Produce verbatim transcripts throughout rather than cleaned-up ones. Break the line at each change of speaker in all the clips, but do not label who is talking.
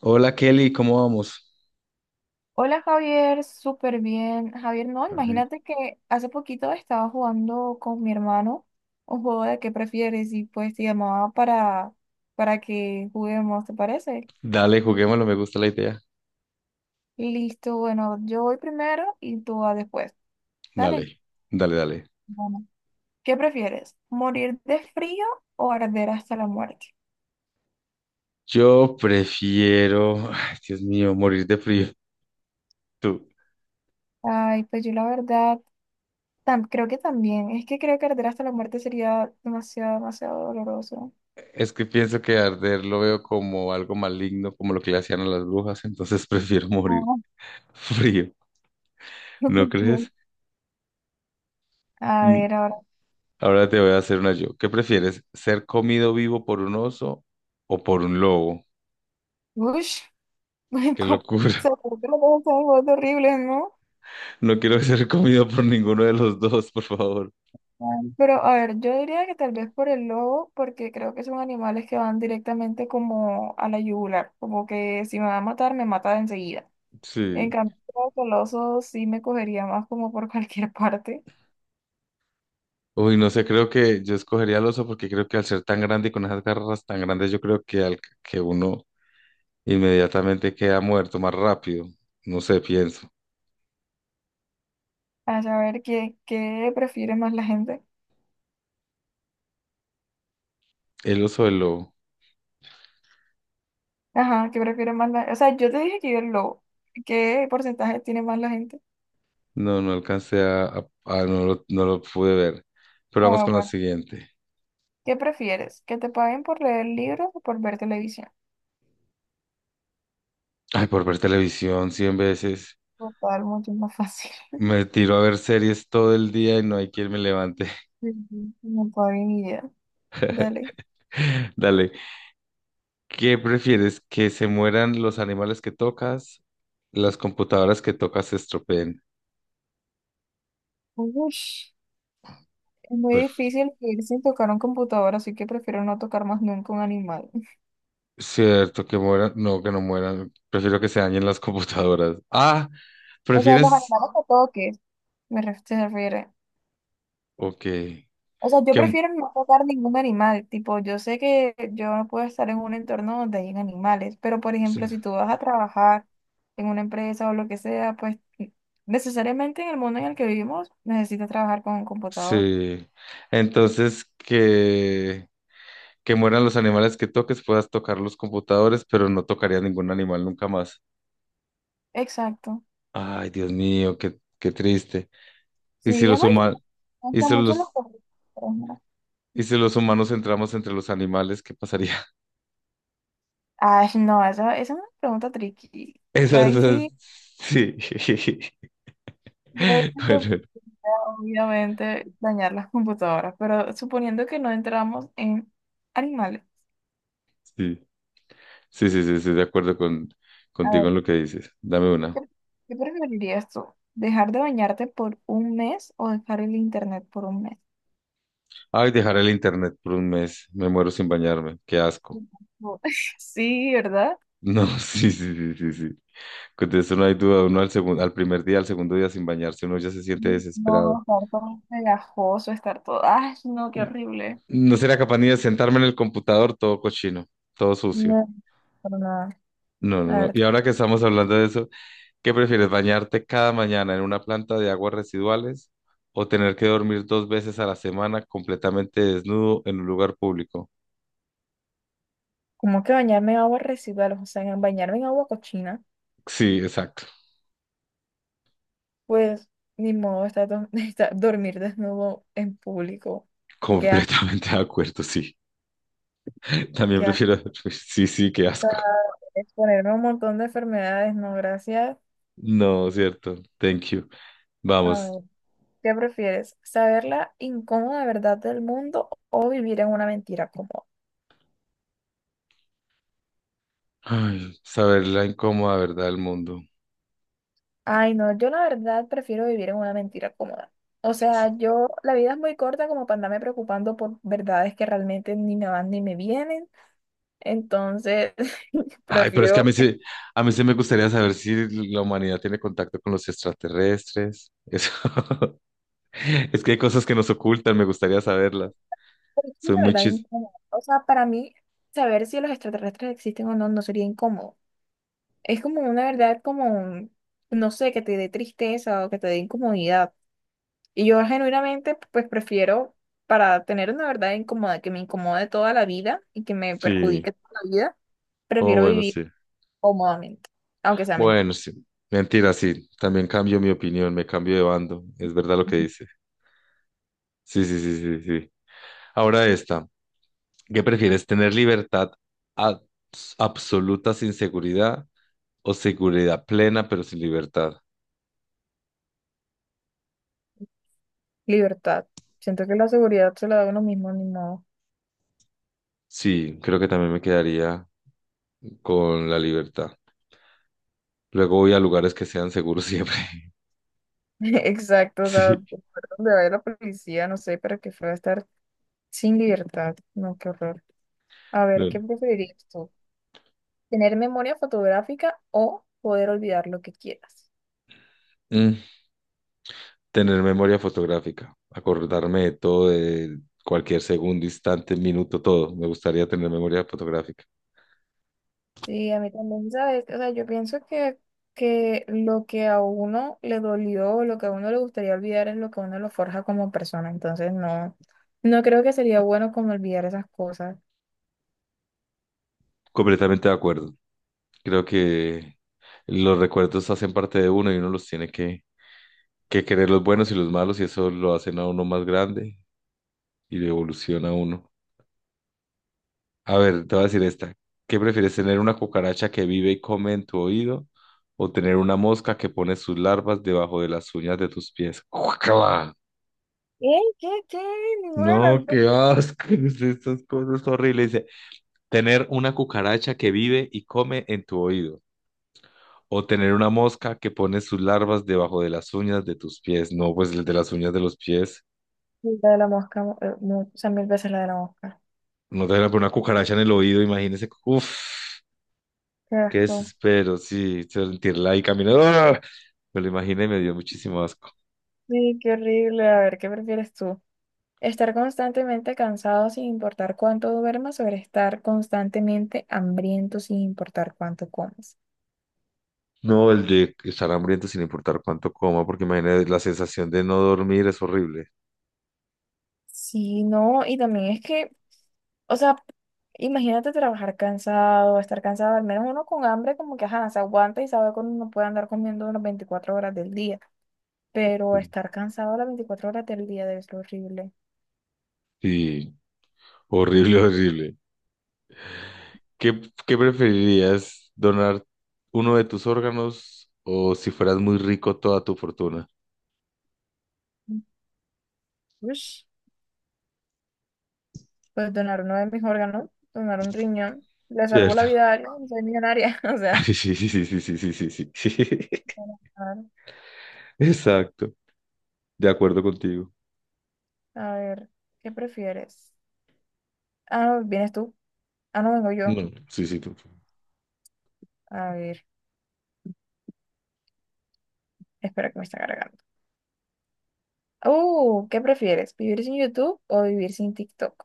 Hola Kelly, ¿cómo vamos?
Hola Javier, súper bien. Javier, no,
Amén.
imagínate que hace poquito estaba jugando con mi hermano un juego de qué prefieres y pues te llamaba para, para que juguemos, ¿te parece?
Dale, juguémoslo, me gusta la idea.
Listo, bueno, yo voy primero y tú vas después. Dale.
Dale, dale, dale.
Bueno. ¿Qué prefieres? ¿Morir de frío o arder hasta la muerte?
Yo prefiero, ay, Dios mío, morir de frío. Tú.
Ay, pues yo la verdad, tam- creo que también. Es que creo que arder hasta la muerte sería demasiado, demasiado doloroso.
Es que pienso que arder lo veo como algo maligno, como lo que le hacían a las brujas, entonces prefiero morir
Ah,
frío, ¿no
ok.
crees?
A
Mm.
ver, ahora.
Ahora te voy a hacer una yo. ¿Qué prefieres? ¿Ser comido vivo por un oso o por un lobo?
Ush.
Qué
como-
locura.
Se ocultan todas esas cosas horribles, ¿no?
No quiero ser comido por ninguno de los dos, por favor.
Ay, pero a ver, yo diría que tal vez por el lobo, porque creo que son animales que van directamente como a la yugular, como que si me va a matar, me mata de enseguida. En
Sí.
cambio, creo que el oso sí me cogería más como por cualquier parte,
Uy, no sé, creo que yo escogería al oso porque creo que al ser tan grande y con esas garras tan grandes, yo creo que, al, que uno inmediatamente queda muerto más rápido. No sé, pienso.
a saber qué, qué prefiere más la gente.
El oso del lobo.
Ajá, qué prefiere más la... O sea, yo te dije que yo el lobo. ¿Qué porcentaje tiene más la gente?
No, no alcancé a, a- a- no lo, no lo pude ver. Pero vamos
Ah,
con la
bueno.
siguiente.
¿Qué prefieres? ¿Que te paguen por leer libros o por ver televisión?
Ay, por ver televisión cien veces.
Total, mucho más fácil.
Me tiro a ver series todo el día y no hay quien me levante.
Ujú. No tengo ni idea. Dale.
Dale. ¿Qué prefieres? ¿Que se mueran los animales que tocas? ¿Las computadoras que tocas se estropeen?
Ush, es muy
Pues
difícil vivir sin tocar un computador, así que prefiero no tocar más nunca un animal.
cierto, que mueran. No, que no mueran. Prefiero que se dañen las computadoras. Ah,
O sea, los
¿prefieres?
animales que toques, me ref- se refiere.
Ok.
O sea, yo
Que...
prefiero no tocar ningún animal. Tipo, yo sé que yo no puedo estar en un entorno donde hayan animales, pero por
Sí.
ejemplo, si tú vas a trabajar en una empresa o lo que sea, pues necesariamente en el mundo en el que vivimos necesitas trabajar con un computador.
sí. Entonces, que... que mueran los animales que toques, puedas tocar los computadores, pero no tocaría ningún animal nunca más.
Exacto.
Ay, Dios mío, qué, qué triste. ¿Y si
Sí, es
los
muy triste.
humanos...
Me
¿Y
gustan
si
mucho los
los...
perritos.
¿Y si los humanos entramos entre los animales, qué pasaría?
Ay, no, esa, esa es una pregunta tricky. Ya
Esas,
ahí
esas...
sí,
Sí.
ya ahí sí, pues,
Bueno,
obviamente dañar las computadoras, pero suponiendo que no entramos en animales,
sí. Sí, sí, sí, estoy de acuerdo con,
a
contigo
ver,
en lo que dices. Dame
¿qué,
una.
qué preferirías tú? ¿Dejar de bañarte por un mes o dejar el internet por un mes?
Ay, dejar el internet por un mes. Me muero sin bañarme. Qué asco.
No. Sí, ¿verdad?
No, sí, sí, sí, sí, sí. Con eso no hay duda. Uno al segundo, al primer día, al segundo día sin bañarse, uno ya se siente
Sí, no,
desesperado.
estar todo pegajoso, estar todo. ¡Ay, no, qué
N-
horrible!
No sería capaz ni de sentarme en el computador todo cochino, todo sucio.
No, para nada.
No, no,
A
no.
ver,
Y ahora que estamos hablando de eso, ¿qué prefieres, bañarte cada mañana en una planta de aguas residuales o tener que dormir dos veces a la semana completamente desnudo en un lugar público?
como que bañarme en agua residual, o sea, en- bañarme en agua cochina.
Sí, exacto.
Pues ni modo, está, do- está- dormir desnudo en público. Qué asco,
Completamente de acuerdo, sí. También
qué asco.
prefiero dormir. Sí, sí, qué asco.
Exponerme a un montón de enfermedades, no, gracias.
No, cierto. Thank you.
A
Vamos.
ver, ¿qué prefieres? ¿Saber la incómoda verdad del mundo o vivir en una mentira cómoda?
Ay, saber la incómoda verdad del mundo.
Ay, no, yo la verdad prefiero vivir en una mentira cómoda. O sea, yo, la vida es muy corta como para andarme preocupando por verdades que realmente ni me van ni me vienen. Entonces,
Ay, pero es que a mí
prefiero.
sí, a mí sí me gustaría saber si la humanidad tiene contacto con los extraterrestres. Eso. Es que hay cosas que nos ocultan, me gustaría saberlas.
Es
Soy
una
muy
verdad
chis.
incómoda. O sea, para mí, saber si los extraterrestres existen o no no sería incómodo. Es como una verdad como, no sé, que te dé tristeza o que te dé incomodidad. Y yo genuinamente, pues prefiero, para tener una verdad incómoda que me incomode toda la vida y que me
Sí.
perjudique toda la vida,
Oh,
prefiero
bueno,
vivir
sí.
cómodamente, aunque sea mentira.
Bueno, sí. Mentira, sí. También cambio mi opinión, me cambio de bando. Es verdad lo que dice. Sí, sí, sí, sí, sí. Ahora esta, ¿qué prefieres? ¿Tener libertad abs- absoluta sin seguridad o seguridad plena pero sin libertad?
Libertad. Siento que la seguridad se la da uno mismo, ni modo.
Sí, creo que también me quedaría con la libertad. Luego voy a lugares que sean seguros siempre.
Exacto, o sea,
Sí.
de ver la policía, no sé, para qué fue estar. Sin libertad, no, qué horror. A ver,
No.
¿qué preferirías tú? ¿Tener memoria fotográfica o poder olvidar lo que quieras?
Mm, Tener memoria fotográfica, acordarme de todo, de cualquier segundo, instante, minuto, todo. Me gustaría tener memoria fotográfica.
Sí, a mí también, ¿sabes? O sea, yo pienso que, que lo que a uno le dolió, lo que a uno le gustaría olvidar es lo que a uno lo forja como persona. Entonces, no, no creo que sería bueno como olvidar esas cosas.
Completamente de acuerdo. Creo que los recuerdos hacen parte de uno y uno los tiene que que querer los buenos y los malos, y eso lo hacen a uno más grande y lo evoluciona a uno. A ver, te voy a decir esta. ¿Qué prefieres tener una cucaracha que vive y come en tu oído o tener una mosca que pone sus larvas debajo de las uñas de tus pies? ¡Guácala!
¿Qué? ¿Qué? ¿Qué? Ninguna de
No,
las dos.
qué asco, estas cosas horribles. Dice, tener una cucaracha que vive y come en tu oído o tener una mosca que pone sus larvas debajo de las uñas de tus pies. No, pues el de las uñas de los pies.
Sí, la de la mosca, eh, mu- o sea, mil veces la de la mosca.
No te van a poner una cucaracha en el oído, imagínese. Uf,
Qué
qué
asco.
desespero, sí, sentirla ahí caminando. ¡Ah! Me lo imaginé y me dio muchísimo asco.
Sí, qué horrible. A ver, ¿qué prefieres tú? Estar constantemente cansado sin importar cuánto duermas o estar constantemente hambriento sin importar cuánto comas.
No, el de estar hambriento sin importar cuánto coma, porque imagínate la sensación de no dormir es horrible.
Sí, no, y también es que, o sea, imagínate trabajar cansado, estar cansado, al menos uno con hambre como que, ajá, se aguanta y sabe que uno no puede andar comiendo las veinticuatro horas del día, pero estar cansado las veinticuatro horas del día debe ser horrible.
Sí, horrible, horrible. ¿Qué, qué preferirías? ¿Donar uno de tus órganos o si fueras muy rico toda tu fortuna?
Ush, pues donar uno de mis órganos, donar un riñón, le salvo
Cierto.
la vida a alguien, soy millonaria, o
Sí,
sea.
sí, sí, sí, sí, sí, sí, sí. sí. Exacto. De acuerdo contigo.
A ver, ¿qué prefieres? Ah, ¿vienes tú? Ah, no vengo yo.
No, sí, sí, tú.
A ver, espera que me está cargando. Uh, ¿qué prefieres? ¿Vivir sin YouTube o vivir sin TikTok?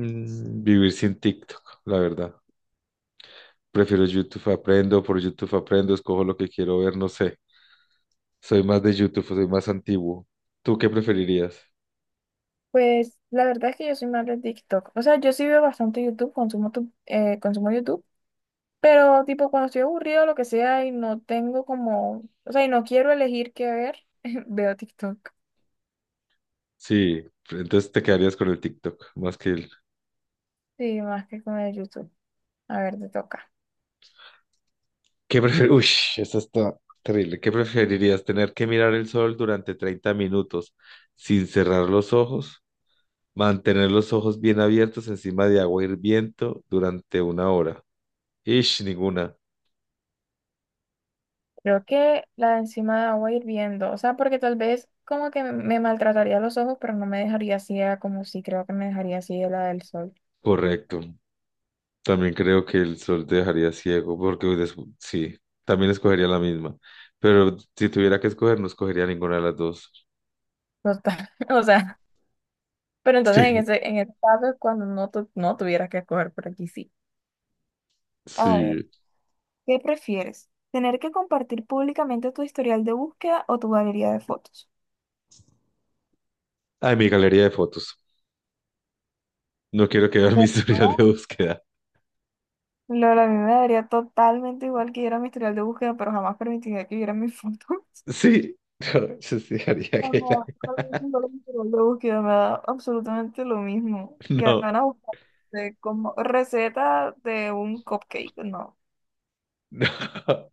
Mm, Vivir sin TikTok, la verdad. Prefiero YouTube, aprendo, por YouTube aprendo, escojo lo que quiero ver, no sé. Soy más de YouTube, soy más antiguo. ¿Tú qué preferirías?
Pues la verdad es que yo soy más de TikTok. O sea, yo sí veo bastante YouTube, consumo, tu- eh, consumo YouTube, pero tipo cuando estoy aburrido o lo que sea y no tengo como, o sea, y no quiero elegir qué ver, veo TikTok.
Sí, entonces te quedarías con el TikTok, más que el...
Sí, más que con el YouTube. A ver, te toca.
¿Qué prefer... Uy, eso está terrible. ¿Qué preferirías? ¿Tener que mirar el sol durante treinta minutos sin cerrar los ojos? ¿Mantener los ojos bien abiertos encima de agua hirviendo durante una hora? Ish, ninguna.
Creo que la de encima de agua hirviendo, o sea, porque tal vez como que me maltrataría los ojos, pero no me dejaría ciega como si creo que me dejaría ciega la del sol.
Correcto. También creo que el sol te dejaría ciego porque des- sí, también escogería la misma. Pero si tuviera que escoger, no escogería ninguna de las dos.
Total, o sea, pero entonces en
Sí,
ese, en ese caso es cuando no, tu- no tuvieras que escoger, por aquí sí. A ver,
sí.
¿qué prefieres? ¿Tener que compartir públicamente tu historial de búsqueda o tu galería de fotos?
Ay, mi galería de fotos. No quiero que vean mi
Pero
historial
no,
de búsqueda.
Lola, a mí me daría totalmente igual que yo era mi historial de búsqueda, pero jamás permitiría que viera mi foto.
Sí, no, yo sí haría que la-
Cuando la búsqueda me da absolutamente lo mismo. Que
No,
van a buscar de como receta de un cupcake, no.
no.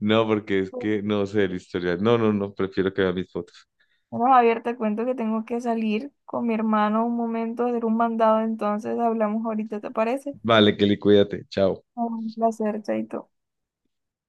No, porque es que no sé el historial. No, no, no, prefiero que vean mis fotos.
Bueno, Javier, te cuento que tengo que salir con mi hermano un momento, a hacer un mandado, entonces hablamos ahorita, ¿te parece?
Vale, Kelly, cuídate. Chao.
Un placer, Chaito.